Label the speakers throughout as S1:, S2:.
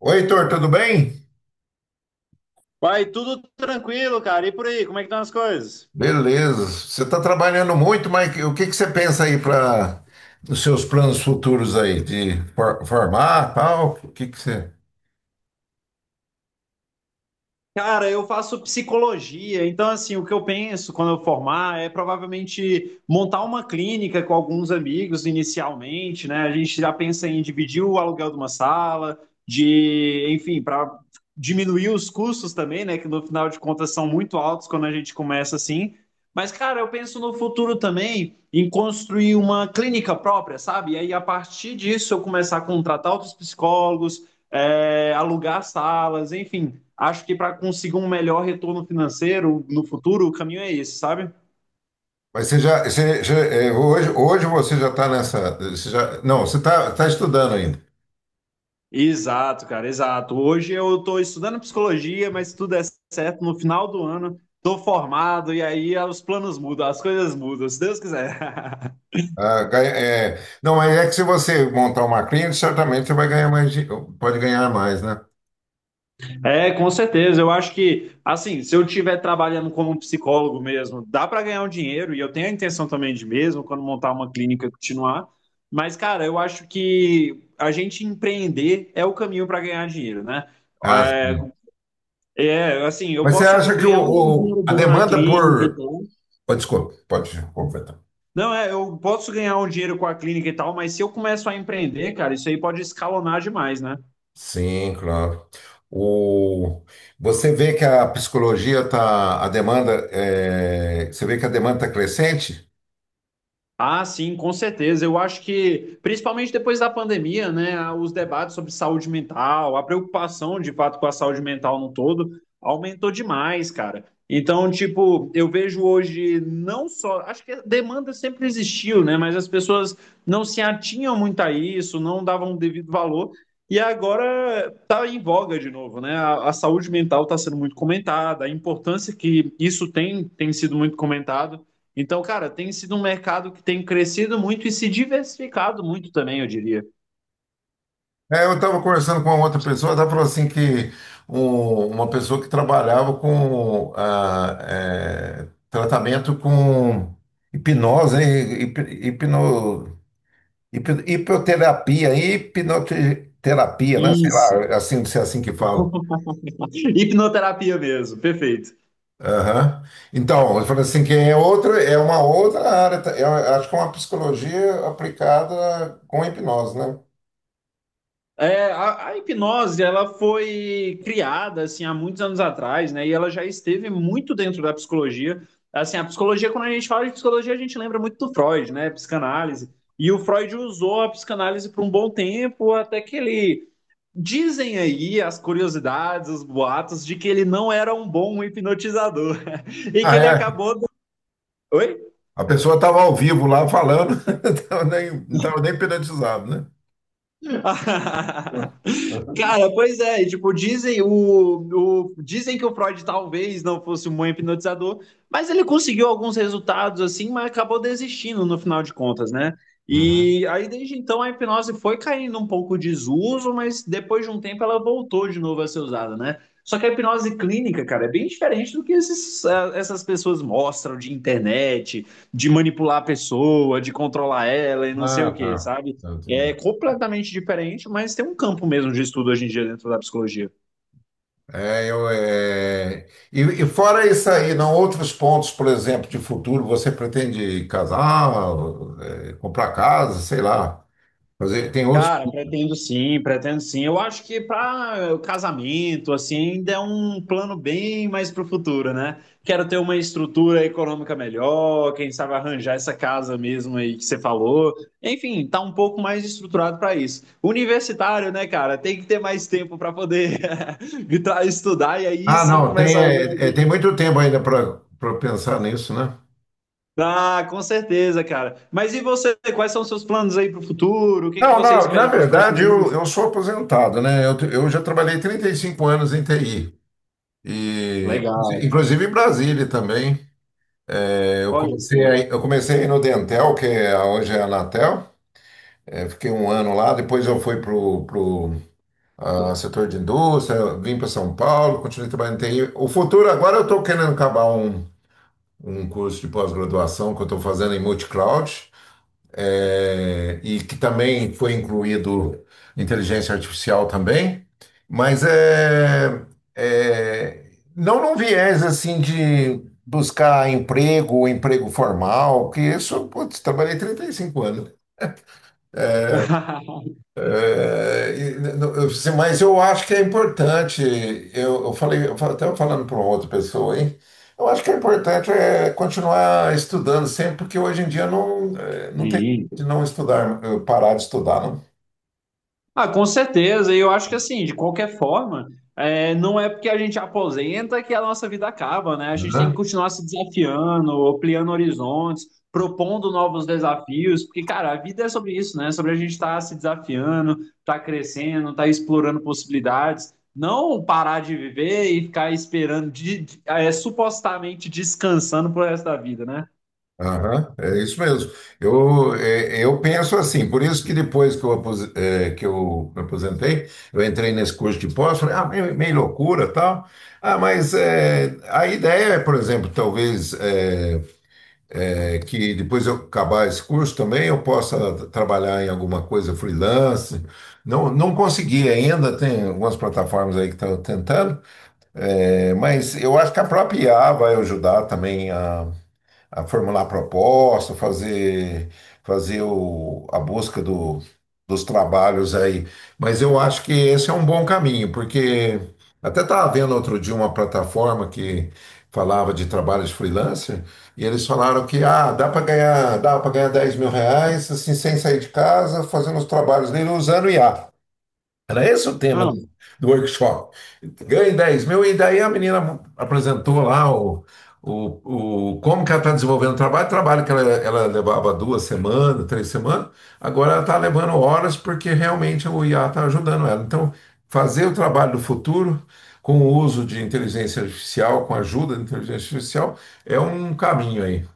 S1: Oi, Heitor, tudo bem?
S2: Vai, tudo tranquilo, cara. E por aí, como é que estão as coisas?
S1: Beleza. Você está trabalhando muito, mas o que que você pensa aí para os seus planos futuros aí de formar, tal? O que que você?
S2: Cara, eu faço psicologia, então assim, o que eu penso quando eu formar é provavelmente montar uma clínica com alguns amigos inicialmente, né? A gente já pensa em dividir o aluguel de uma sala, de, enfim, para diminuir os custos também, né? Que no final de contas são muito altos quando a gente começa assim. Mas, cara, eu penso no futuro também em construir uma clínica própria, sabe? E aí, a partir disso, eu começar a contratar outros psicólogos, alugar salas, enfim, acho que para conseguir um melhor retorno financeiro no futuro, o caminho é esse, sabe?
S1: Mas hoje, você já está nessa, você já, não, você está estudando ainda.
S2: Exato, cara, exato. Hoje eu estou estudando psicologia, mas se tudo é certo, no final do ano estou formado e aí os planos mudam, as coisas mudam, se Deus quiser.
S1: Não, mas é que se você montar uma clínica, certamente você vai ganhar mais, pode ganhar mais, né?
S2: É, com certeza. Eu acho que, assim, se eu estiver trabalhando como um psicólogo mesmo, dá para ganhar um dinheiro e eu tenho a intenção também de mesmo, quando montar uma clínica, continuar. Mas, cara, eu acho que a gente empreender é o caminho para ganhar dinheiro, né?
S1: Ah,
S2: É,
S1: sim.
S2: É, assim,
S1: Mas você acha que
S2: ganhar um bom dinheiro
S1: a
S2: bom na
S1: demanda
S2: clínica e
S1: por,
S2: tal.
S1: oh, desculpa, pode completar.
S2: Não, é, eu posso ganhar um dinheiro com a clínica e tal, mas se eu começo a empreender, cara, isso aí pode escalonar demais, né?
S1: Sim, claro. O... Você vê que a psicologia tá, a demanda, você vê que a demanda está crescente?
S2: Ah, sim, com certeza. Eu acho que, principalmente depois da pandemia, né, os debates sobre saúde mental, a preocupação de fato com a saúde mental no todo, aumentou demais, cara. Então, tipo, eu vejo hoje não só. Acho que a demanda sempre existiu, né, mas as pessoas não se atinham muito a isso, não davam o devido valor. E agora tá em voga de novo, né? A saúde mental está sendo muito comentada, a importância que isso tem, tem sido muito comentado. Então, cara, tem sido um mercado que tem crescido muito e se diversificado muito também, eu diria.
S1: Eu estava conversando com uma outra pessoa, ela falou assim que uma pessoa que trabalhava com tratamento com hipnose, né? Hip, hipno, hipnoterapia, né? Sei lá,
S2: Isso.
S1: é assim, se é assim que fala.
S2: Hipnoterapia mesmo, perfeito.
S1: Aham. Então, ele falou assim que é uma outra área, tá? Eu acho que é uma psicologia aplicada com hipnose, né?
S2: É, a hipnose, ela foi criada, assim, há muitos anos atrás, né? E ela já esteve muito dentro da psicologia. Assim, a psicologia, quando a gente fala de psicologia, a gente lembra muito do Freud, né? Psicanálise. E o Freud usou a psicanálise por um bom tempo, até que ele... Dizem aí as curiosidades, os boatos de que ele não era um bom hipnotizador e que
S1: Ah,
S2: ele
S1: é.
S2: acabou. Do... Oi?
S1: A pessoa estava ao vivo lá falando, tava nem, não estava nem hipnotizado, né?
S2: Cara, pois é, e, tipo, dizem que o Freud talvez não fosse um bom hipnotizador, mas ele conseguiu alguns resultados assim, mas acabou desistindo no final de contas, né?
S1: Uhum.
S2: E aí desde então a hipnose foi caindo um pouco de desuso, mas depois de um tempo ela voltou de novo a ser usada, né? Só que a hipnose clínica, cara, é bem diferente do que esses, essas pessoas mostram de internet, de manipular a pessoa, de controlar ela e não sei
S1: Ah,
S2: o quê,
S1: tá.
S2: sabe?
S1: Eu entendi.
S2: É completamente diferente, mas tem um campo mesmo de estudo hoje em dia dentro da psicologia.
S1: E fora isso aí, não, outros pontos, por exemplo, de futuro, você pretende casar, comprar casa, sei lá. Fazer, tem outros.
S2: Cara, pretendo sim, pretendo sim. Eu acho que para o casamento, assim, ainda é um plano bem mais para o futuro, né? Quero ter uma estrutura econômica melhor, quem sabe arranjar essa casa mesmo aí que você falou. Enfim, tá um pouco mais estruturado para isso. Universitário, né, cara? Tem que ter mais tempo para poder estudar e aí
S1: Ah,
S2: sim
S1: não, tem,
S2: começar a ganhar.
S1: é, é, tem muito tempo ainda para pensar nisso, né?
S2: Ah, com certeza, cara. Mas e você? Quais são os seus planos aí para o futuro? O que que
S1: Não,
S2: você
S1: não, na
S2: espera para os
S1: verdade
S2: próximos
S1: eu,
S2: anos?
S1: eu sou aposentado, né? Eu já trabalhei 35 anos em TI, e,
S2: Legal.
S1: inclusive em Brasília também. Eu
S2: Olha
S1: comecei,
S2: só.
S1: aí no Dentel, hoje é a Anatel. Fiquei um ano lá, depois eu fui para o setor de indústria, vim para São Paulo, continuei trabalhando em TI. O futuro, agora eu estou querendo acabar um curso de pós-graduação que eu estou fazendo em multi-cloud. E que também foi incluído inteligência artificial também, mas é, não num viés assim de buscar emprego formal, que isso, putz, trabalhei 35 anos. Eu disse, mas eu acho que é importante, eu falei, estava falando para outra pessoa, hein, eu acho que é importante é continuar estudando sempre, porque hoje em dia não, não tem
S2: Sim.
S1: de não estudar, parar de estudar, não.
S2: Ah, com certeza. E eu acho que assim, de qualquer forma, é, não é porque a gente aposenta que a nossa vida acaba, né? A gente tem que
S1: Aham,
S2: continuar se desafiando, ampliando horizontes, propondo novos desafios, porque, cara, a vida é sobre isso, né? É sobre a gente estar se desafiando, estar crescendo, estar explorando possibilidades. Não parar de viver e ficar esperando, supostamente descansando pro resto da vida, né?
S1: aham, é isso mesmo. Eu penso assim, por isso que depois que que eu me aposentei, eu entrei nesse curso de pós, falei, ah, meio loucura tal. Ah, mas a ideia é, por exemplo, talvez é que depois eu acabar esse curso também eu possa trabalhar em alguma coisa freelance. Não, não consegui ainda, tem algumas plataformas aí que estão tentando, mas eu acho que a própria IA vai ajudar também a formular proposta, fazer a busca dos trabalhos aí. Mas eu acho que esse é um bom caminho, porque até estava vendo outro dia uma plataforma que falava de trabalho de freelancer, e eles falaram que dá para ganhar R$ 10.000 assim, sem sair de casa, fazendo os trabalhos dele usando IA. Era esse o tema do workshop. Ganhe 10 mil, e daí a menina apresentou lá como que ela está desenvolvendo o trabalho. Trabalho que ela levava 2 semanas, 3 semanas, agora ela está levando horas porque realmente o IA está ajudando ela. Então, fazer o trabalho do futuro com o uso de inteligência artificial, com a ajuda da inteligência artificial, é um caminho aí.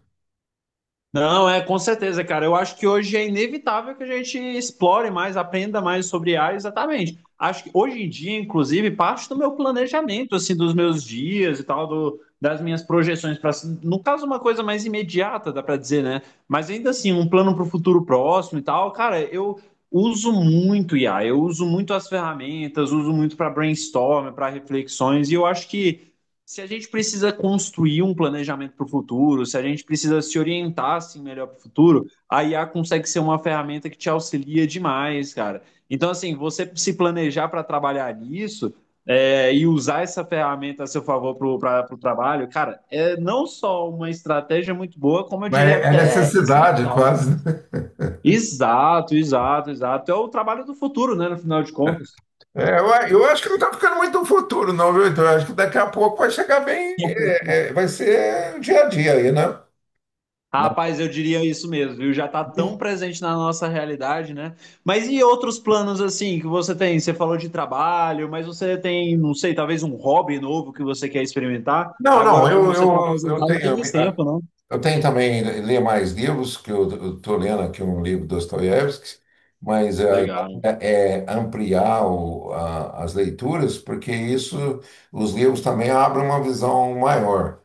S2: Não, é com certeza, cara. Eu acho que hoje é inevitável que a gente explore mais, aprenda mais sobre IA, exatamente. Acho que hoje em dia, inclusive, parte do meu planejamento, assim, dos meus dias e tal, das minhas projeções para, no caso, uma coisa mais imediata, dá para dizer, né? Mas ainda assim, um plano para o futuro próximo e tal, cara, eu uso muito IA, eu uso muito as ferramentas, uso muito para brainstorm, para reflexões, e eu acho que se a gente precisa construir um planejamento para o futuro, se a gente precisa se orientar assim, melhor para o futuro, a IA consegue ser uma ferramenta que te auxilia demais, cara. Então, assim, você se planejar para trabalhar nisso, e usar essa ferramenta a seu favor para o trabalho, cara, é não só uma estratégia muito boa, como eu
S1: Mas
S2: diria
S1: é
S2: até
S1: necessidade
S2: essencial.
S1: quase.
S2: Exato, exato, exato. É o trabalho do futuro, né, no final de contas.
S1: Eu acho que não está ficando muito no futuro, não, viu? Então, eu acho que daqui a pouco vai chegar bem, vai ser o dia a dia aí, né? Na-
S2: Rapaz, eu diria isso mesmo, viu? Já tá tão presente na nossa realidade, né? Mas e outros planos assim que você tem? Você falou de trabalho, mas você tem, não sei, talvez um hobby novo que você quer experimentar?
S1: Não,
S2: Agora,
S1: não,
S2: como
S1: eu,
S2: você tá
S1: eu, eu
S2: apresentado tem
S1: tenho,
S2: mais tempo, não?
S1: eu tenho também ler mais livros, que eu estou lendo aqui um livro do Dostoiévski, mas a
S2: Legal.
S1: ideia é ampliar as leituras, porque isso, os livros também abrem uma visão maior.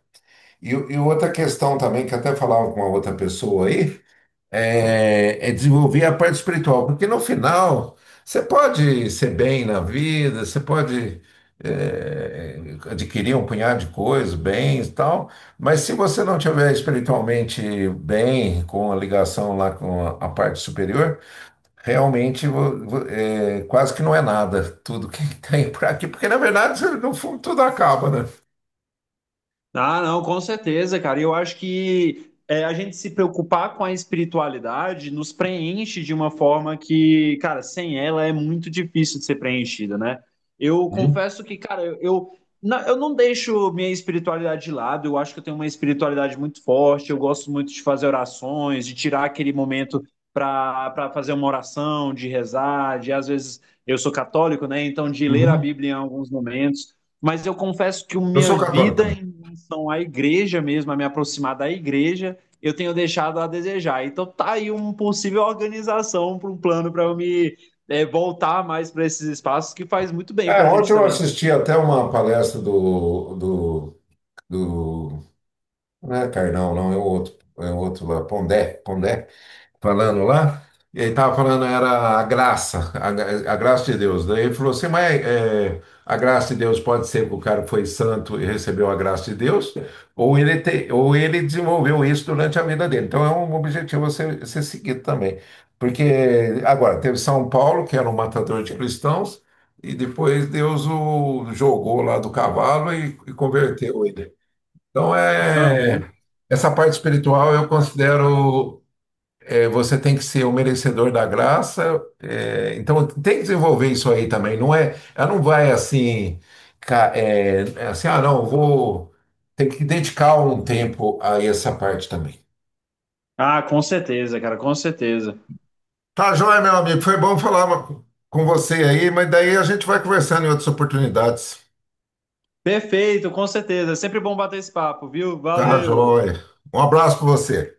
S1: E outra questão também, que até falava com uma outra pessoa aí, desenvolver a parte espiritual, porque no final você pode ser bem na vida, você pode é, adquirir um punhado de coisas, bens e tal, mas se você não tiver espiritualmente bem, com a ligação lá com a parte superior, realmente quase que não é nada tudo que tem por aqui, porque na verdade no fundo tudo acaba, né?
S2: Ah, não, com certeza, cara. E eu acho que é, a gente se preocupar com a espiritualidade nos preenche de uma forma que, cara, sem ela é muito difícil de ser preenchida, né? Eu
S1: Uhum.
S2: confesso que, cara, eu não deixo minha espiritualidade de lado. Eu acho que eu tenho uma espiritualidade muito forte. Eu gosto muito de fazer orações, de tirar aquele momento para fazer uma oração, de rezar, de às vezes eu sou católico, né? Então de ler a
S1: Uhum.
S2: Bíblia em alguns momentos, mas eu confesso que a
S1: Eu
S2: minha
S1: sou católico
S2: vida
S1: também.
S2: em relação à igreja mesmo, a me aproximar da igreja, eu tenho deixado a desejar. Então tá aí uma possível organização para um plano para eu me, voltar mais para esses espaços que faz muito bem para a gente
S1: Ontem eu
S2: também.
S1: assisti até uma palestra do. Não é Carnal, não, é o outro lá, Pondé, falando lá. E ele estava falando, era a graça de Deus. Daí ele falou assim, mas a graça de Deus pode ser que o cara foi santo e recebeu a graça de Deus, ou ele desenvolveu isso durante a vida dele. Então é um objetivo a ser seguido também. Porque agora teve São Paulo, que era um matador de cristãos, e depois Deus o jogou lá do cavalo e converteu ele. Então,
S2: Aham.
S1: essa parte espiritual eu considero, você tem que ser o merecedor da graça, então tem que desenvolver isso aí também, não é, ela não vai assim, assim, não, vou, tem que dedicar um tempo a essa parte também.
S2: Ah, com certeza, cara, com certeza.
S1: Tá, joia, meu amigo, foi bom falar com você aí, mas daí a gente vai conversando em outras oportunidades.
S2: Perfeito, com certeza. É sempre bom bater esse papo, viu?
S1: Tá,
S2: Valeu!
S1: joia. Um abraço para você.